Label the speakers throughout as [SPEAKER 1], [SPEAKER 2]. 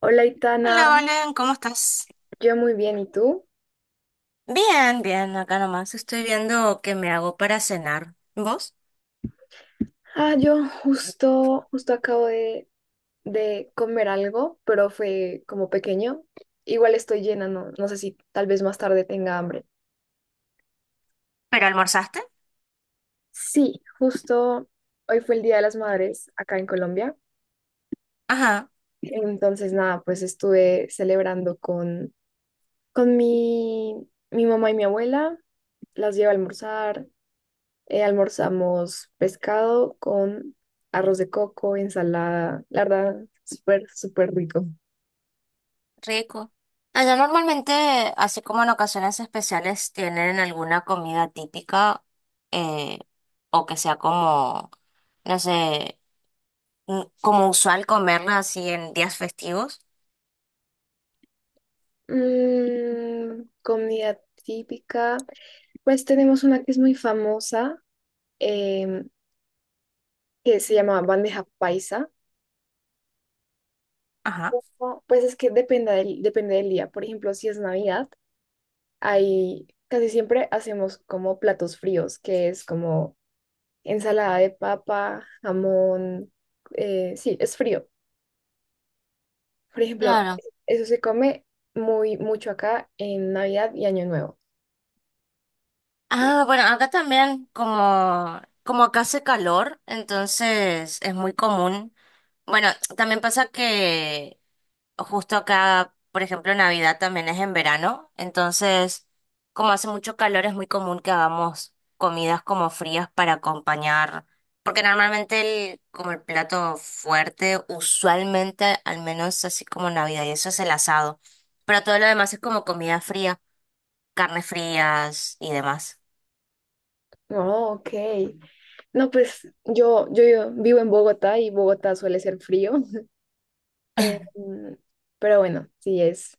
[SPEAKER 1] Hola, Itana.
[SPEAKER 2] Hola, Valen, ¿cómo estás?
[SPEAKER 1] Yo muy bien, ¿y tú?
[SPEAKER 2] Bien, bien, acá nomás. Estoy viendo qué me hago para cenar. ¿Vos?
[SPEAKER 1] Ah, yo justo acabo de comer algo, pero fue como pequeño. Igual estoy llena, no sé si tal vez más tarde tenga hambre.
[SPEAKER 2] ¿Pero almorzaste?
[SPEAKER 1] Sí, justo hoy fue el Día de las Madres acá en Colombia.
[SPEAKER 2] Ajá,
[SPEAKER 1] Entonces, nada, pues estuve celebrando con mi mamá y mi abuela. Las llevo a almorzar. Almorzamos pescado con arroz de coco, ensalada, la verdad, súper rico.
[SPEAKER 2] rico. Allá normalmente, así como en ocasiones especiales, tienen alguna comida típica eh, o que sea como, no sé, como usual comerla así en días festivos.
[SPEAKER 1] Comida típica, pues tenemos una que es muy famosa, em, que se llama bandeja paisa.
[SPEAKER 2] Ajá.
[SPEAKER 1] Ojo, pues es que depende del día. Por ejemplo, si es Navidad, hay, casi siempre hacemos como platos fríos, que es como ensalada de papa, jamón, sí, es frío. Por ejemplo,
[SPEAKER 2] Claro.
[SPEAKER 1] eso se come muy mucho acá en Navidad y Año Nuevo.
[SPEAKER 2] Ah, bueno, acá también como, como acá hace calor, entonces es muy común. Bueno, también pasa que justo acá, por ejemplo, Navidad también es en verano, entonces como hace mucho calor es muy común que hagamos comidas como frías para acompañar, porque normalmente el, como el plato fuerte, usualmente al menos así como Navidad y eso es el asado, pero todo lo demás es como comida fría, carnes frías y demás.
[SPEAKER 1] Oh, ok. No, pues yo vivo en Bogotá y Bogotá suele ser frío. Em, pero bueno, sí es.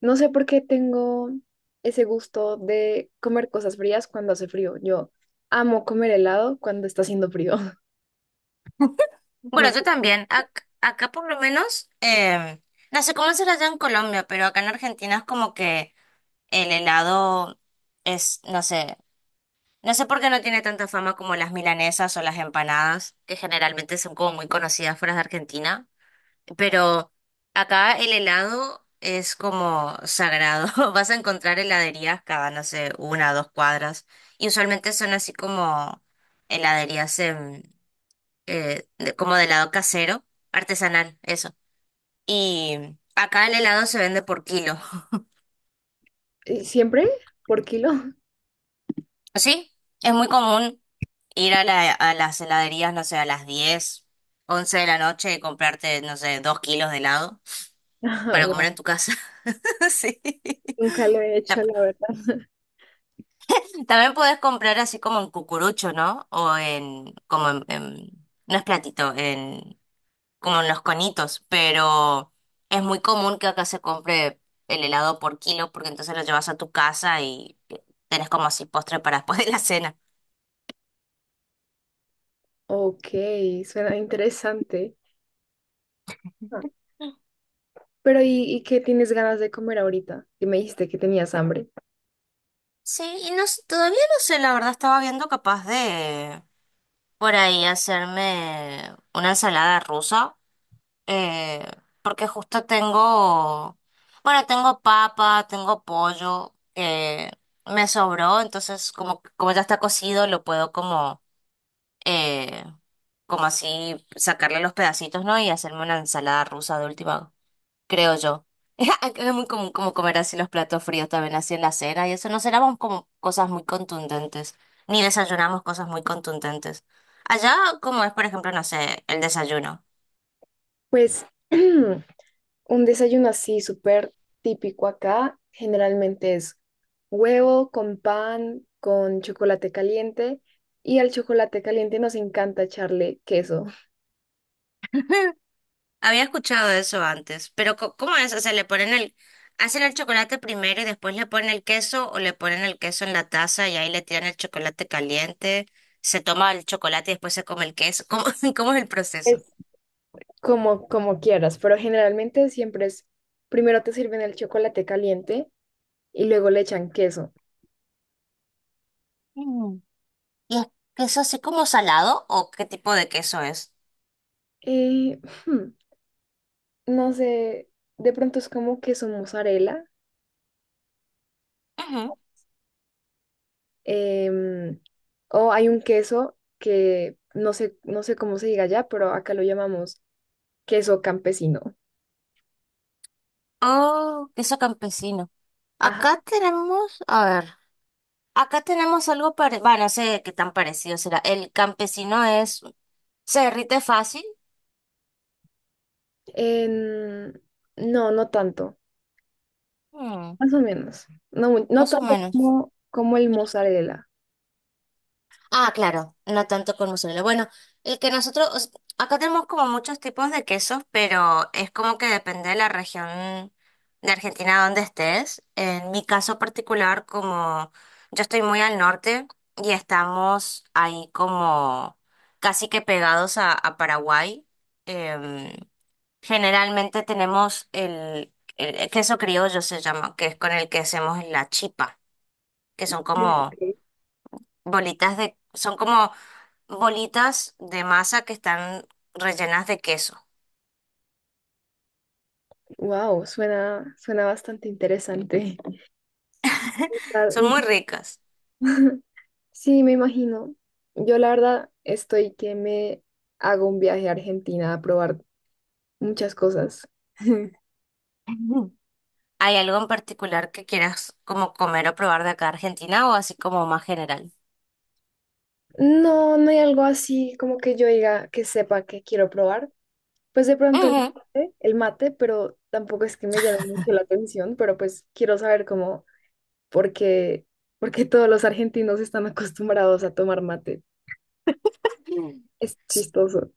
[SPEAKER 1] No sé por qué tengo ese gusto de comer cosas frías cuando hace frío. Yo amo comer helado cuando está haciendo frío. No
[SPEAKER 2] Bueno, yo
[SPEAKER 1] sé.
[SPEAKER 2] también, acá por lo menos, no sé cómo será allá en Colombia, pero acá en Argentina es como que... El helado es, no sé, no sé por qué no tiene tanta fama como las milanesas o las empanadas, que generalmente son como muy conocidas fuera de Argentina, pero acá el helado es como sagrado. Vas a encontrar heladerías cada, no sé, una o dos cuadras, y usualmente son así como heladerías en, como de helado casero, artesanal, eso. Y acá el helado se vende por kilo.
[SPEAKER 1] ¿Y siempre? ¿Por kilo?
[SPEAKER 2] Sí, es muy común. Ir a la, a las heladerías, no sé, a las 10 11 de la noche y comprarte, no sé, 2 kilos de helado
[SPEAKER 1] Ah,
[SPEAKER 2] para
[SPEAKER 1] wow.
[SPEAKER 2] comer en tu casa. Sí.
[SPEAKER 1] Nunca lo he hecho,
[SPEAKER 2] Ta-
[SPEAKER 1] la verdad.
[SPEAKER 2] También podés comprar así como en cucurucho, ¿no? O en, como en, no es platito, en, como en los conitos, pero es muy común que acá se compre el helado por kilo porque entonces lo llevas a tu casa y tenés como así postre para después de la cena.
[SPEAKER 1] Ok, suena interesante. Ah. Pero y qué tienes ganas de comer ahorita? Que me dijiste que tenías hambre.
[SPEAKER 2] Sí, y no, todavía no sé, la verdad estaba viendo capaz de... por ahí hacerme una ensalada rusa, eh, que justo tengo, bueno, tengo papa, tengo pollo, que me sobró, entonces como, como ya está cocido, lo puedo como, eh, como así sacarle los pedacitos, ¿no? Y hacerme una ensalada rusa de última creo yo. Acá es muy común como comer así los platos fríos también así en la cena y eso no cenamos como cosas muy contundentes, ni desayunamos cosas muy contundentes. Allá, como es, por ejemplo, no sé, el desayuno.
[SPEAKER 1] Pues un desayuno así súper típico acá generalmente es huevo con pan, con chocolate caliente, y al chocolate caliente nos encanta echarle queso.
[SPEAKER 2] Había escuchado eso antes, pero ¿cómo es? O sea, le ponen el, hacen el chocolate primero y después le ponen el queso o le ponen el queso en la taza y ahí le tiran el chocolate caliente, se toma el chocolate y después se come el queso. ¿Cómo, cómo es el proceso?
[SPEAKER 1] Es- Como, como quieras, pero generalmente siempre es primero te sirven el chocolate caliente y luego le echan queso.
[SPEAKER 2] ¿Y es queso así como salado o qué tipo de queso es?
[SPEAKER 1] Eh, hmm, no sé, de pronto es como queso mozzarella.
[SPEAKER 2] Ujú.
[SPEAKER 1] Em, o hay un queso que no sé, no sé cómo se diga allá, pero acá lo llamamos queso campesino.
[SPEAKER 2] Oh, queso campesino.
[SPEAKER 1] Ajá.
[SPEAKER 2] Acá tenemos, a ver, acá tenemos algo parecido, bueno, no sé qué tan parecido será. El campesino es, se derrite fácil,
[SPEAKER 1] En- no, no tanto,
[SPEAKER 2] Mm,
[SPEAKER 1] más o menos. No, no
[SPEAKER 2] más o
[SPEAKER 1] tanto
[SPEAKER 2] menos.
[SPEAKER 1] como, como el mozzarella.
[SPEAKER 2] Ah, claro, no tanto con mozzarella. Bueno, el que nosotros, o sea, acá tenemos como muchos tipos de quesos, pero es como que depende de la región de Argentina donde estés. En mi caso particular, como yo estoy muy al norte y estamos ahí como casi que pegados a Paraguay, em, generalmente tenemos el queso criollo se llama, que es con el que hacemos la chipa, que son
[SPEAKER 1] Sí,
[SPEAKER 2] como
[SPEAKER 1] ok.
[SPEAKER 2] bolitas de, son como bolitas de masa que están rellenas de queso.
[SPEAKER 1] Wow, suena, suena bastante interesante. La-
[SPEAKER 2] Son
[SPEAKER 1] nunca-
[SPEAKER 2] muy ricas.
[SPEAKER 1] Sí, me imagino. Yo la verdad estoy que me hago un viaje a Argentina a probar muchas cosas.
[SPEAKER 2] Ujú. ¿Hay algo en particular que quieras como comer o probar de acá de Argentina o así como más general?
[SPEAKER 1] No, no hay algo así como que yo diga que sepa que quiero probar. Pues de pronto
[SPEAKER 2] Ujú.
[SPEAKER 1] el mate, pero tampoco es que me llame mucho la atención, pero pues quiero saber cómo, por qué, por qué todos los argentinos están acostumbrados a tomar mate.
[SPEAKER 2] Mm.
[SPEAKER 1] Es chistoso.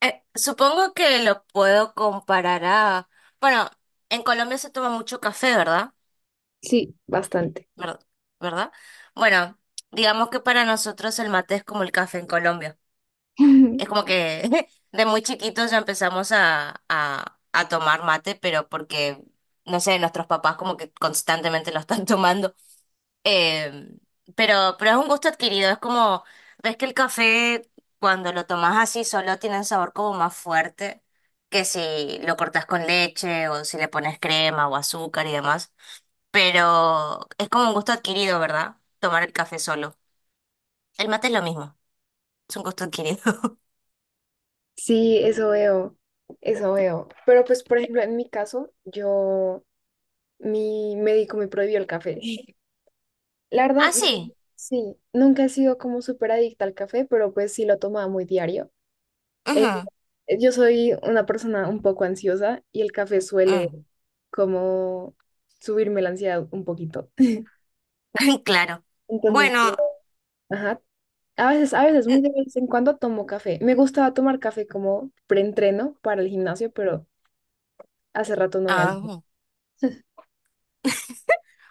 [SPEAKER 2] Supongo que lo puedo comparar a... Bueno, en Colombia se toma mucho café, ¿verdad?
[SPEAKER 1] Sí, bastante.
[SPEAKER 2] ¿Ver- ¿Verdad? Bueno, digamos que para nosotros el mate es como el café en Colombia. Es como que de muy chiquitos ya empezamos a tomar mate, pero porque, no sé, nuestros papás como que constantemente lo están tomando. Eh, pero es un gusto adquirido, es como, ves que el café cuando lo tomas así solo tiene un sabor como más fuerte que si lo cortas con leche o si le pones crema o azúcar y demás. Pero es como un gusto adquirido, ¿verdad? Tomar el café solo. El mate es lo mismo, es un gusto adquirido.
[SPEAKER 1] Sí, eso veo, eso veo. Pero pues, por ejemplo, en mi caso, yo, mi médico me prohibió el café. La verdad,
[SPEAKER 2] Ah,
[SPEAKER 1] no-
[SPEAKER 2] sí.
[SPEAKER 1] Sí, nunca he sido como súper adicta al café, pero pues sí lo tomaba muy diario. Eh,
[SPEAKER 2] Ujú,
[SPEAKER 1] yo soy una persona un poco ansiosa y el café suele
[SPEAKER 2] ujú.
[SPEAKER 1] como subirme la ansiedad un poquito.
[SPEAKER 2] Claro.
[SPEAKER 1] Entonces,
[SPEAKER 2] Bueno,
[SPEAKER 1] ajá, a veces,
[SPEAKER 2] n-
[SPEAKER 1] muy de vez en cuando tomo café. Me gustaba tomar café como preentreno para el gimnasio, pero hace rato no voy al
[SPEAKER 2] ah,
[SPEAKER 1] gym.
[SPEAKER 2] mm,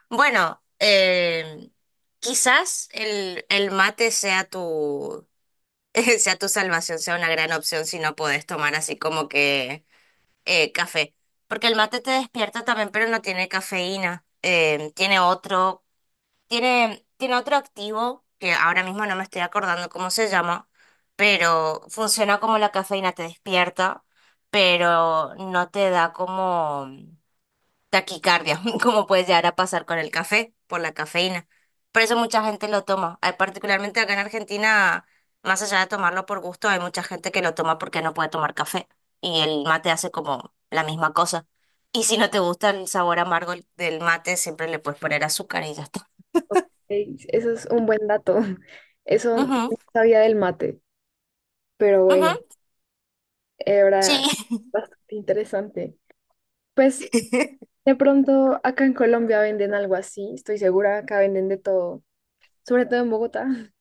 [SPEAKER 2] bueno, quizás el mate sea tu, sea tu salvación, sea una gran opción si no podés tomar así como que café. Porque el mate te despierta también, pero no tiene cafeína. Tiene otro, tiene, tiene otro activo que ahora mismo no me estoy acordando cómo se llama, pero funciona como la cafeína, te despierta, pero no te da como. Taquicardia, como puede llegar a pasar con el café, por la cafeína. Por eso mucha gente lo toma. Hay particularmente acá en Argentina, más allá de tomarlo por gusto, hay mucha gente que lo toma porque no puede tomar café. Y el mate hace como la misma cosa. Y si no te gusta el sabor amargo del mate, siempre le puedes poner azúcar y ya está.
[SPEAKER 1] Ok, eso es un buen dato. Eso no
[SPEAKER 2] Ujú,
[SPEAKER 1] sabía del mate, pero bueno,
[SPEAKER 2] ujú, sí,
[SPEAKER 1] era bastante interesante. Pues de pronto acá en Colombia venden algo así, estoy segura, acá venden de todo, sobre todo en Bogotá,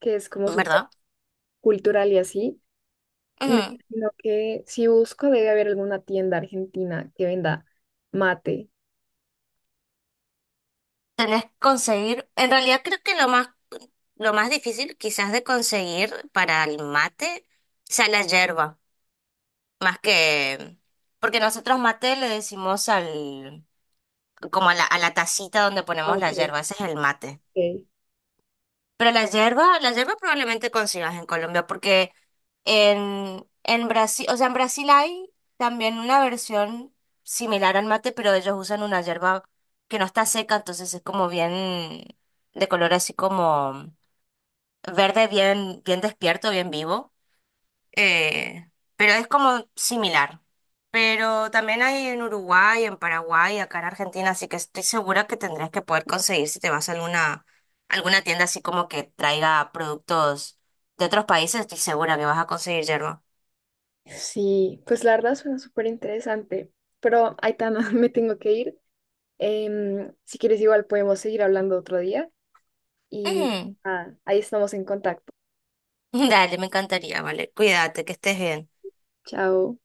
[SPEAKER 1] que es como súper
[SPEAKER 2] ¿verdad?
[SPEAKER 1] cultural y así. Me
[SPEAKER 2] Ujú.
[SPEAKER 1] imagino que si busco debe haber alguna tienda argentina que venda mate.
[SPEAKER 2] Tenés que conseguir, en realidad creo que lo más difícil quizás de conseguir para el mate sea la yerba. Más que, porque nosotros mate le decimos al, como a la tacita donde
[SPEAKER 1] Ah,
[SPEAKER 2] ponemos
[SPEAKER 1] ok,
[SPEAKER 2] la yerba, ese es el mate.
[SPEAKER 1] ok.
[SPEAKER 2] Pero la yerba probablemente consigas en Colombia, porque en Brasil, o sea, en Brasil hay también una versión similar al mate, pero ellos usan una yerba que no está seca, entonces es como bien, de color así como verde, bien, bien despierto, bien vivo. eh, pero es como similar. Pero también hay en Uruguay, en Paraguay, acá en Argentina, así que estoy segura que tendrás que poder conseguir si te vas a alguna, alguna tienda así como que traiga productos de otros países, estoy segura que vas a conseguir yerba.
[SPEAKER 1] Sí, pues la verdad suena súper interesante, pero Aitana, me tengo que ir. Si quieres igual podemos seguir hablando otro día y
[SPEAKER 2] Ujú.
[SPEAKER 1] ahí estamos en contacto.
[SPEAKER 2] Dale, me encantaría, vale. Cuídate, que estés bien.
[SPEAKER 1] Chao.